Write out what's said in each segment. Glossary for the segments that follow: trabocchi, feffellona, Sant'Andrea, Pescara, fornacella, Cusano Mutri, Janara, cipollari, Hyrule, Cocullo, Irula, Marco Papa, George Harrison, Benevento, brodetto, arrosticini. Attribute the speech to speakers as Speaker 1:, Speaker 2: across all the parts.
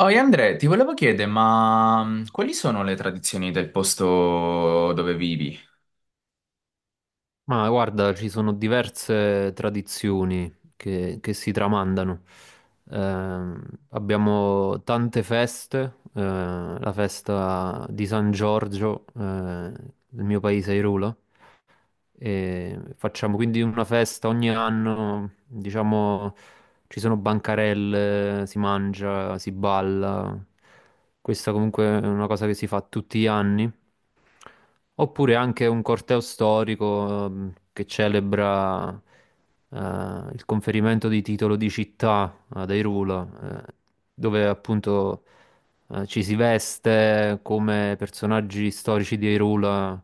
Speaker 1: Oi Andrea, ti volevo chiedere, ma quali sono le tradizioni del posto dove vivi?
Speaker 2: Ma guarda, ci sono diverse tradizioni che si tramandano. Ehm, Abbiamo tante feste, la festa di San Giorgio, nel mio paese Irula, e facciamo quindi una festa ogni anno, diciamo, ci sono bancarelle, si mangia, si balla. Questa comunque è una cosa che si fa tutti gli anni. Oppure anche un corteo storico che celebra eh, il conferimento di titolo di città ad Hyrule, dove appunto ci si veste come personaggi storici di Hyrule,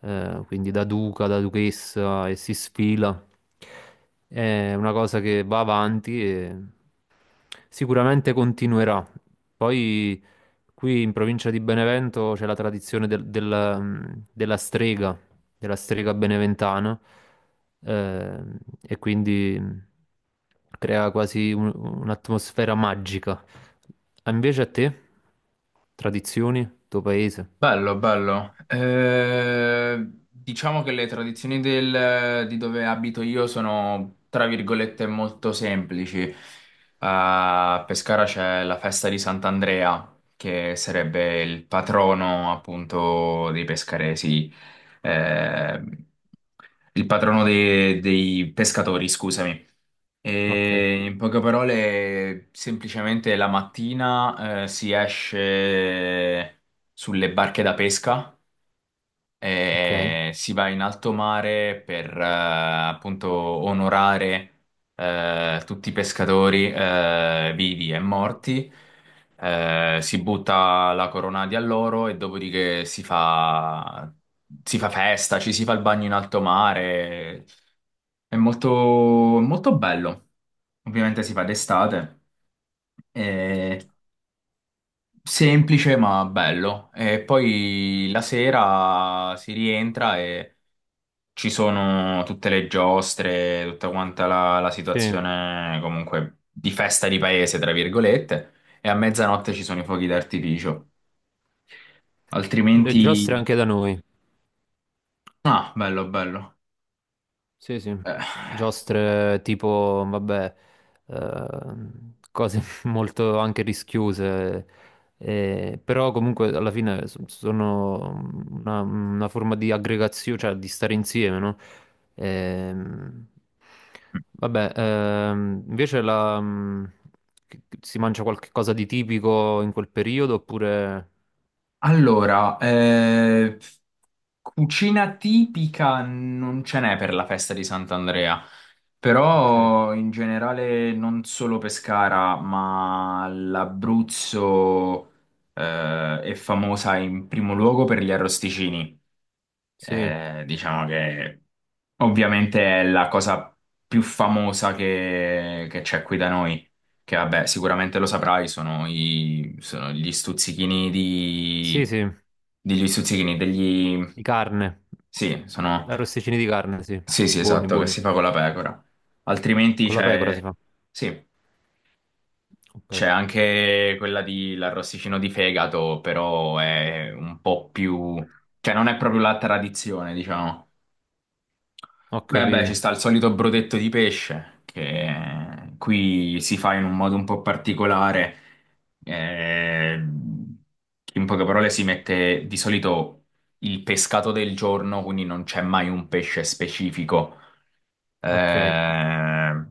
Speaker 2: quindi da duca, da duchessa e si sfila. È una cosa che va avanti e sicuramente continuerà. Poi qui in provincia di Benevento c'è la tradizione della strega della strega beneventana, e quindi crea quasi un'atmosfera magica. Ah, invece a te, tradizioni, tuo paese?
Speaker 1: Bello, bello. Diciamo che le tradizioni di dove abito io sono, tra virgolette, molto semplici. A Pescara c'è la festa di Sant'Andrea, che sarebbe il patrono appunto dei pescaresi, eh, il patrono dei pescatori, scusami.
Speaker 2: Ok,
Speaker 1: E in poche parole, semplicemente la mattina si esce sulle barche da pesca
Speaker 2: ok.
Speaker 1: e si va in alto mare per appunto onorare tutti i pescatori, vivi e morti. Si butta la corona di alloro e dopodiché si fa festa, ci si fa il bagno in alto mare. È molto, molto bello. Ovviamente si fa d'estate, è semplice ma bello. E poi la sera si rientra e ci sono tutte le giostre, tutta quanta la
Speaker 2: Sì,
Speaker 1: situazione comunque di festa di paese, tra virgolette, e a mezzanotte ci sono i fuochi d'artificio.
Speaker 2: le giostre
Speaker 1: Altrimenti...
Speaker 2: anche da noi.
Speaker 1: Ah, bello, bello.
Speaker 2: Sì, sì,
Speaker 1: Eh,
Speaker 2: giostre tipo, vabbè, cose molto anche rischiose, però comunque alla fine sono una forma di aggregazione, cioè di stare insieme, no? Ehm, vabbè, invece che si mangia qualche cosa di tipico in quel periodo oppure...
Speaker 1: Allora, cucina tipica non ce n'è per la festa di Sant'Andrea.
Speaker 2: Ok,
Speaker 1: Però in generale non solo Pescara, ma l'Abruzzo è famosa in primo luogo per gli arrosticini.
Speaker 2: sì,
Speaker 1: Diciamo che ovviamente è la cosa più famosa che c'è qui da noi, che vabbè, sicuramente lo saprai, sono, sono gli stuzzichini
Speaker 2: sì,
Speaker 1: di...
Speaker 2: sì,
Speaker 1: degli stuzzichini, degli...
Speaker 2: di carne,
Speaker 1: Sì,
Speaker 2: arrosticini di carne, sì,
Speaker 1: sì, sì,
Speaker 2: buoni,
Speaker 1: esatto, che
Speaker 2: buoni.
Speaker 1: si fa con la pecora. Altrimenti
Speaker 2: Con la pecora si
Speaker 1: c'è,
Speaker 2: fa.
Speaker 1: sì,
Speaker 2: Ok,
Speaker 1: c'è anche quella di l'arrosticino di fegato, però è un po' più, cioè non è proprio la tradizione, diciamo.
Speaker 2: ho
Speaker 1: Beh, beh, ci
Speaker 2: capito.
Speaker 1: sta il solito brodetto di pesce che qui si fa in un modo un po' particolare. eh, In poche parole si mette di solito il pescato del giorno, quindi non c'è mai un pesce specifico.
Speaker 2: Ok,
Speaker 1: Eh,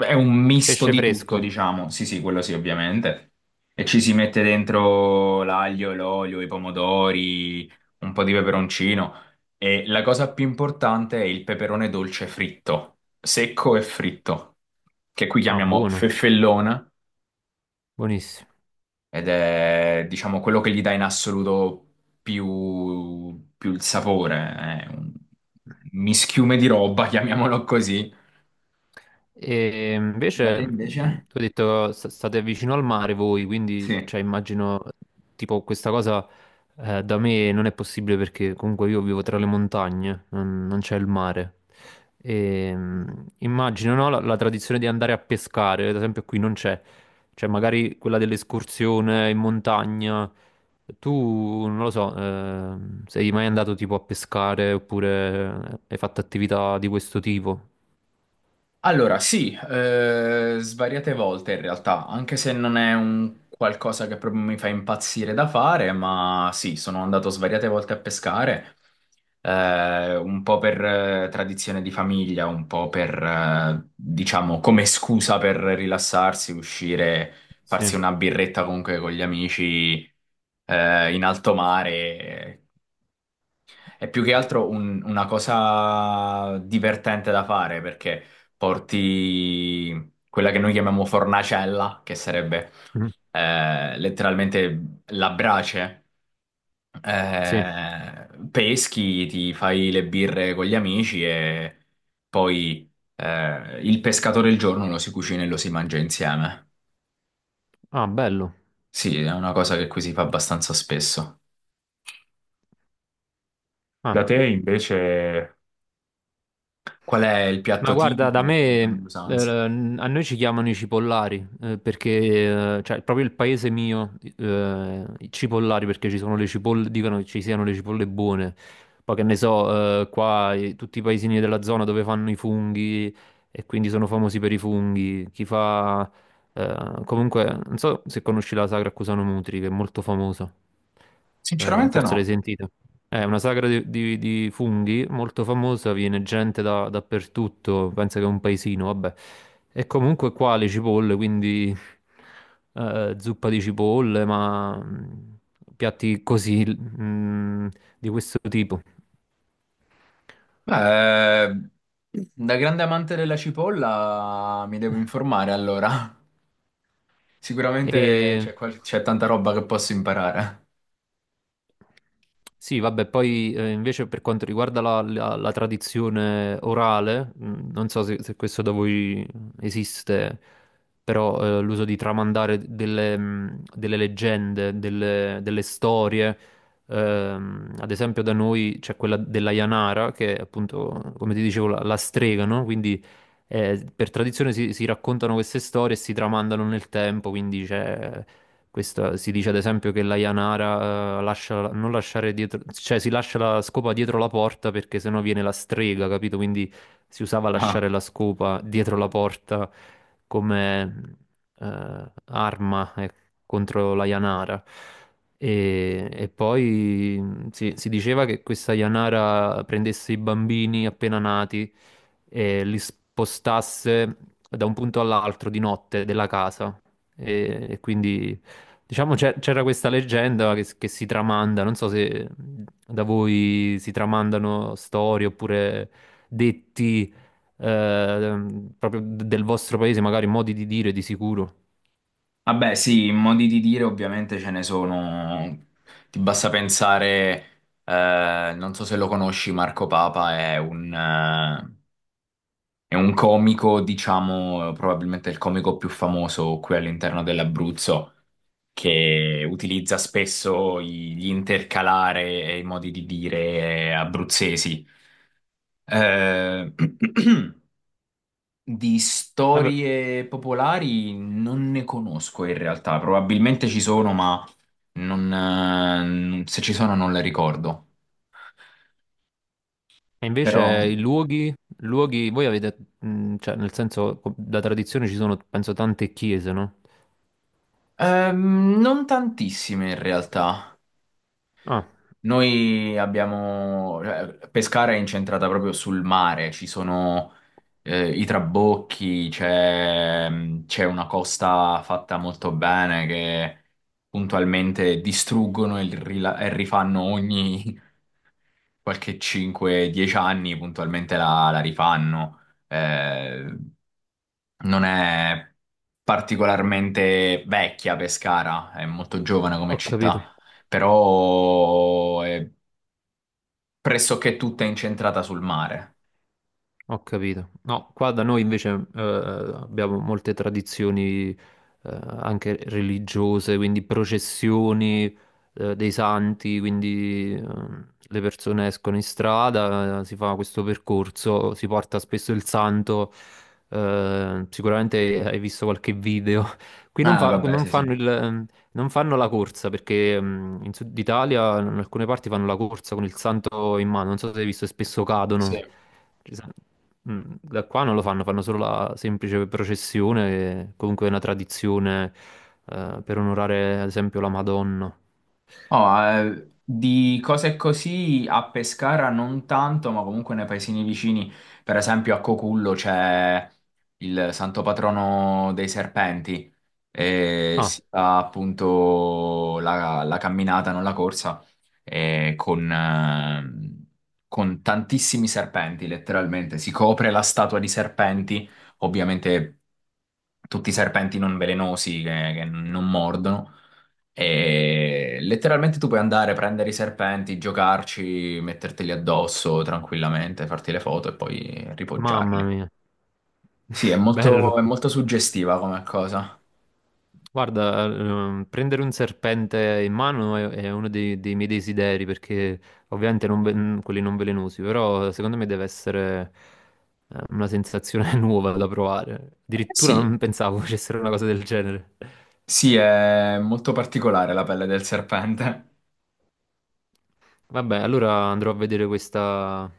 Speaker 1: è un misto
Speaker 2: pesce
Speaker 1: di tutto,
Speaker 2: fresco.
Speaker 1: diciamo. Sì, sì, quello sì, ovviamente. E ci si mette dentro l'aglio, l'olio, i pomodori, un po' di peperoncino. E la cosa più importante è il peperone dolce fritto, secco e fritto, che qui
Speaker 2: Ah,
Speaker 1: chiamiamo
Speaker 2: buono,
Speaker 1: feffellona,
Speaker 2: buonissimo.
Speaker 1: ed è, diciamo, quello che gli dà in assoluto più, più il sapore. È un mischiume di roba, chiamiamolo così.
Speaker 2: E
Speaker 1: Da te
Speaker 2: invece,
Speaker 1: invece?
Speaker 2: tu hai detto state vicino al mare voi, quindi
Speaker 1: Sì.
Speaker 2: cioè, immagino tipo questa cosa da me non è possibile perché comunque io vivo tra le montagne, non c'è il mare. E, immagino no, la tradizione di andare a pescare, ad esempio qui non c'è, cioè magari quella dell'escursione in montagna. Tu, non lo so, sei mai andato tipo a pescare oppure hai fatto attività di questo tipo?
Speaker 1: Allora, sì, svariate volte in realtà, anche se non è un qualcosa che proprio mi fa impazzire da fare, ma sì, sono andato svariate volte a pescare, un po' per tradizione di famiglia, un po' per, diciamo, come scusa per rilassarsi, uscire,
Speaker 2: Sì.
Speaker 1: farsi una birretta comunque con gli amici, in alto mare. È più che altro una cosa divertente da fare perché porti quella che noi chiamiamo fornacella, che sarebbe
Speaker 2: Mm,
Speaker 1: letteralmente la brace,
Speaker 2: sì.
Speaker 1: peschi, ti fai le birre con gli amici e poi il pescatore il giorno lo si cucina e lo si mangia insieme.
Speaker 2: Ah, bello.
Speaker 1: Sì, è una cosa che qui si fa abbastanza spesso.
Speaker 2: Ah,
Speaker 1: Da te invece... Qual è il
Speaker 2: ma
Speaker 1: piatto
Speaker 2: guarda,
Speaker 1: tipico
Speaker 2: da
Speaker 1: e quali sono
Speaker 2: me,
Speaker 1: le usanze?
Speaker 2: a noi ci chiamano i cipollari, perché, cioè, proprio il paese mio, i cipollari, perché ci sono le cipolle, dicono che ci siano le cipolle buone. Poi che ne so, qua tutti i paesini della zona dove fanno i funghi e quindi sono famosi per i funghi. Chi fa... comunque, non so se conosci la Sagra a Cusano Mutri, che è molto famosa.
Speaker 1: Sinceramente
Speaker 2: Forse l'hai
Speaker 1: no.
Speaker 2: sentita. È una sagra di funghi molto famosa, viene gente dappertutto, pensa che è un paesino, vabbè. E comunque qua le cipolle, quindi zuppa di cipolle, ma piatti così, di questo tipo.
Speaker 1: Beh, da grande amante della cipolla mi devo informare allora. Sicuramente
Speaker 2: E
Speaker 1: c'è tanta roba che posso imparare.
Speaker 2: sì, vabbè, poi invece per quanto riguarda la tradizione orale, non so se questo da voi esiste, però l'uso di tramandare delle leggende, delle storie, ad esempio da noi c'è quella della Janara, che è appunto, come ti dicevo, la strega, no? Quindi per tradizione si raccontano queste storie e si tramandano nel tempo, quindi c'è si dice ad esempio che la Yanara lascia, non lasciare dietro, cioè si lascia la scopa dietro la porta perché sennò viene la strega, capito? Quindi si usava
Speaker 1: Ah.
Speaker 2: lasciare la scopa dietro la porta come arma contro la Yanara. E poi si diceva che questa Yanara prendesse i bambini appena nati e li spostasse da un punto all'altro di notte della casa. E quindi, diciamo, c'era questa leggenda che si tramanda. Non so se da voi si tramandano storie oppure detti eh, proprio del vostro paese, magari modi di dire di sicuro.
Speaker 1: Vabbè, sì, in modi di dire ovviamente ce ne sono. Ti basta pensare, non so se lo conosci, Marco Papa è è un comico, diciamo, probabilmente il comico più famoso qui all'interno dell'Abruzzo. Che utilizza spesso gli intercalare e i modi di dire abruzzesi. Eh, di
Speaker 2: Vabbè,
Speaker 1: storie popolari non ne conosco in realtà, probabilmente ci sono, ma non, se ci sono non le ricordo.
Speaker 2: e invece
Speaker 1: Però
Speaker 2: i luoghi, luoghi, voi avete, cioè nel senso, da tradizione ci sono, penso, tante chiese, no?
Speaker 1: non tantissime in realtà.
Speaker 2: Ah,
Speaker 1: Noi abbiamo... cioè, Pescara è incentrata proprio sul mare, ci sono i trabocchi, c'è mm, c'è una costa fatta molto bene che puntualmente distruggono e, e rifanno ogni qualche 5-10 anni, puntualmente la rifanno. Eh, non è particolarmente vecchia Pescara, è molto giovane come
Speaker 2: ho capito.
Speaker 1: città, però è pressoché tutta incentrata sul mare.
Speaker 2: Ho capito. No, qua da noi invece abbiamo molte tradizioni anche religiose, quindi processioni dei santi, quindi le persone escono in strada, si fa questo percorso, si porta spesso il santo, sicuramente hai visto qualche video. Qui
Speaker 1: Ah, vabbè,
Speaker 2: non
Speaker 1: sì, sì.
Speaker 2: fanno non fanno la corsa perché in Sud Italia in alcune parti fanno la corsa con il santo in mano, non so se hai visto, e spesso
Speaker 1: Sì.
Speaker 2: cadono. Ci sa- Da qua non lo fanno, fanno solo la semplice processione, e comunque è una tradizione per onorare ad esempio la Madonna.
Speaker 1: Oh, di cose così a Pescara non tanto, ma comunque nei paesini vicini, per esempio a Cocullo c'è il santo patrono dei serpenti e
Speaker 2: Ah,
Speaker 1: si fa appunto la camminata, non la corsa, e con tantissimi serpenti, letteralmente. Si copre la statua di serpenti, ovviamente tutti i serpenti non velenosi che non mordono. E letteralmente tu puoi andare, prendere i serpenti, giocarci, metterteli addosso tranquillamente, farti le foto e poi
Speaker 2: mamma
Speaker 1: ripoggiarli.
Speaker 2: mia,
Speaker 1: Sì,
Speaker 2: bello.
Speaker 1: è molto suggestiva come cosa.
Speaker 2: Guarda, prendere un serpente in mano è uno dei miei desideri, perché ovviamente non ve- quelli non velenosi, però secondo me deve essere una sensazione nuova da provare.
Speaker 1: Eh
Speaker 2: Addirittura
Speaker 1: sì,
Speaker 2: non pensavo facessero una cosa del genere.
Speaker 1: sì, è molto particolare la pelle del serpente.
Speaker 2: Vabbè, allora andrò a vedere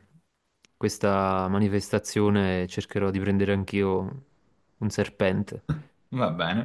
Speaker 2: questa manifestazione e cercherò di prendere anch'io un serpente.
Speaker 1: Va bene.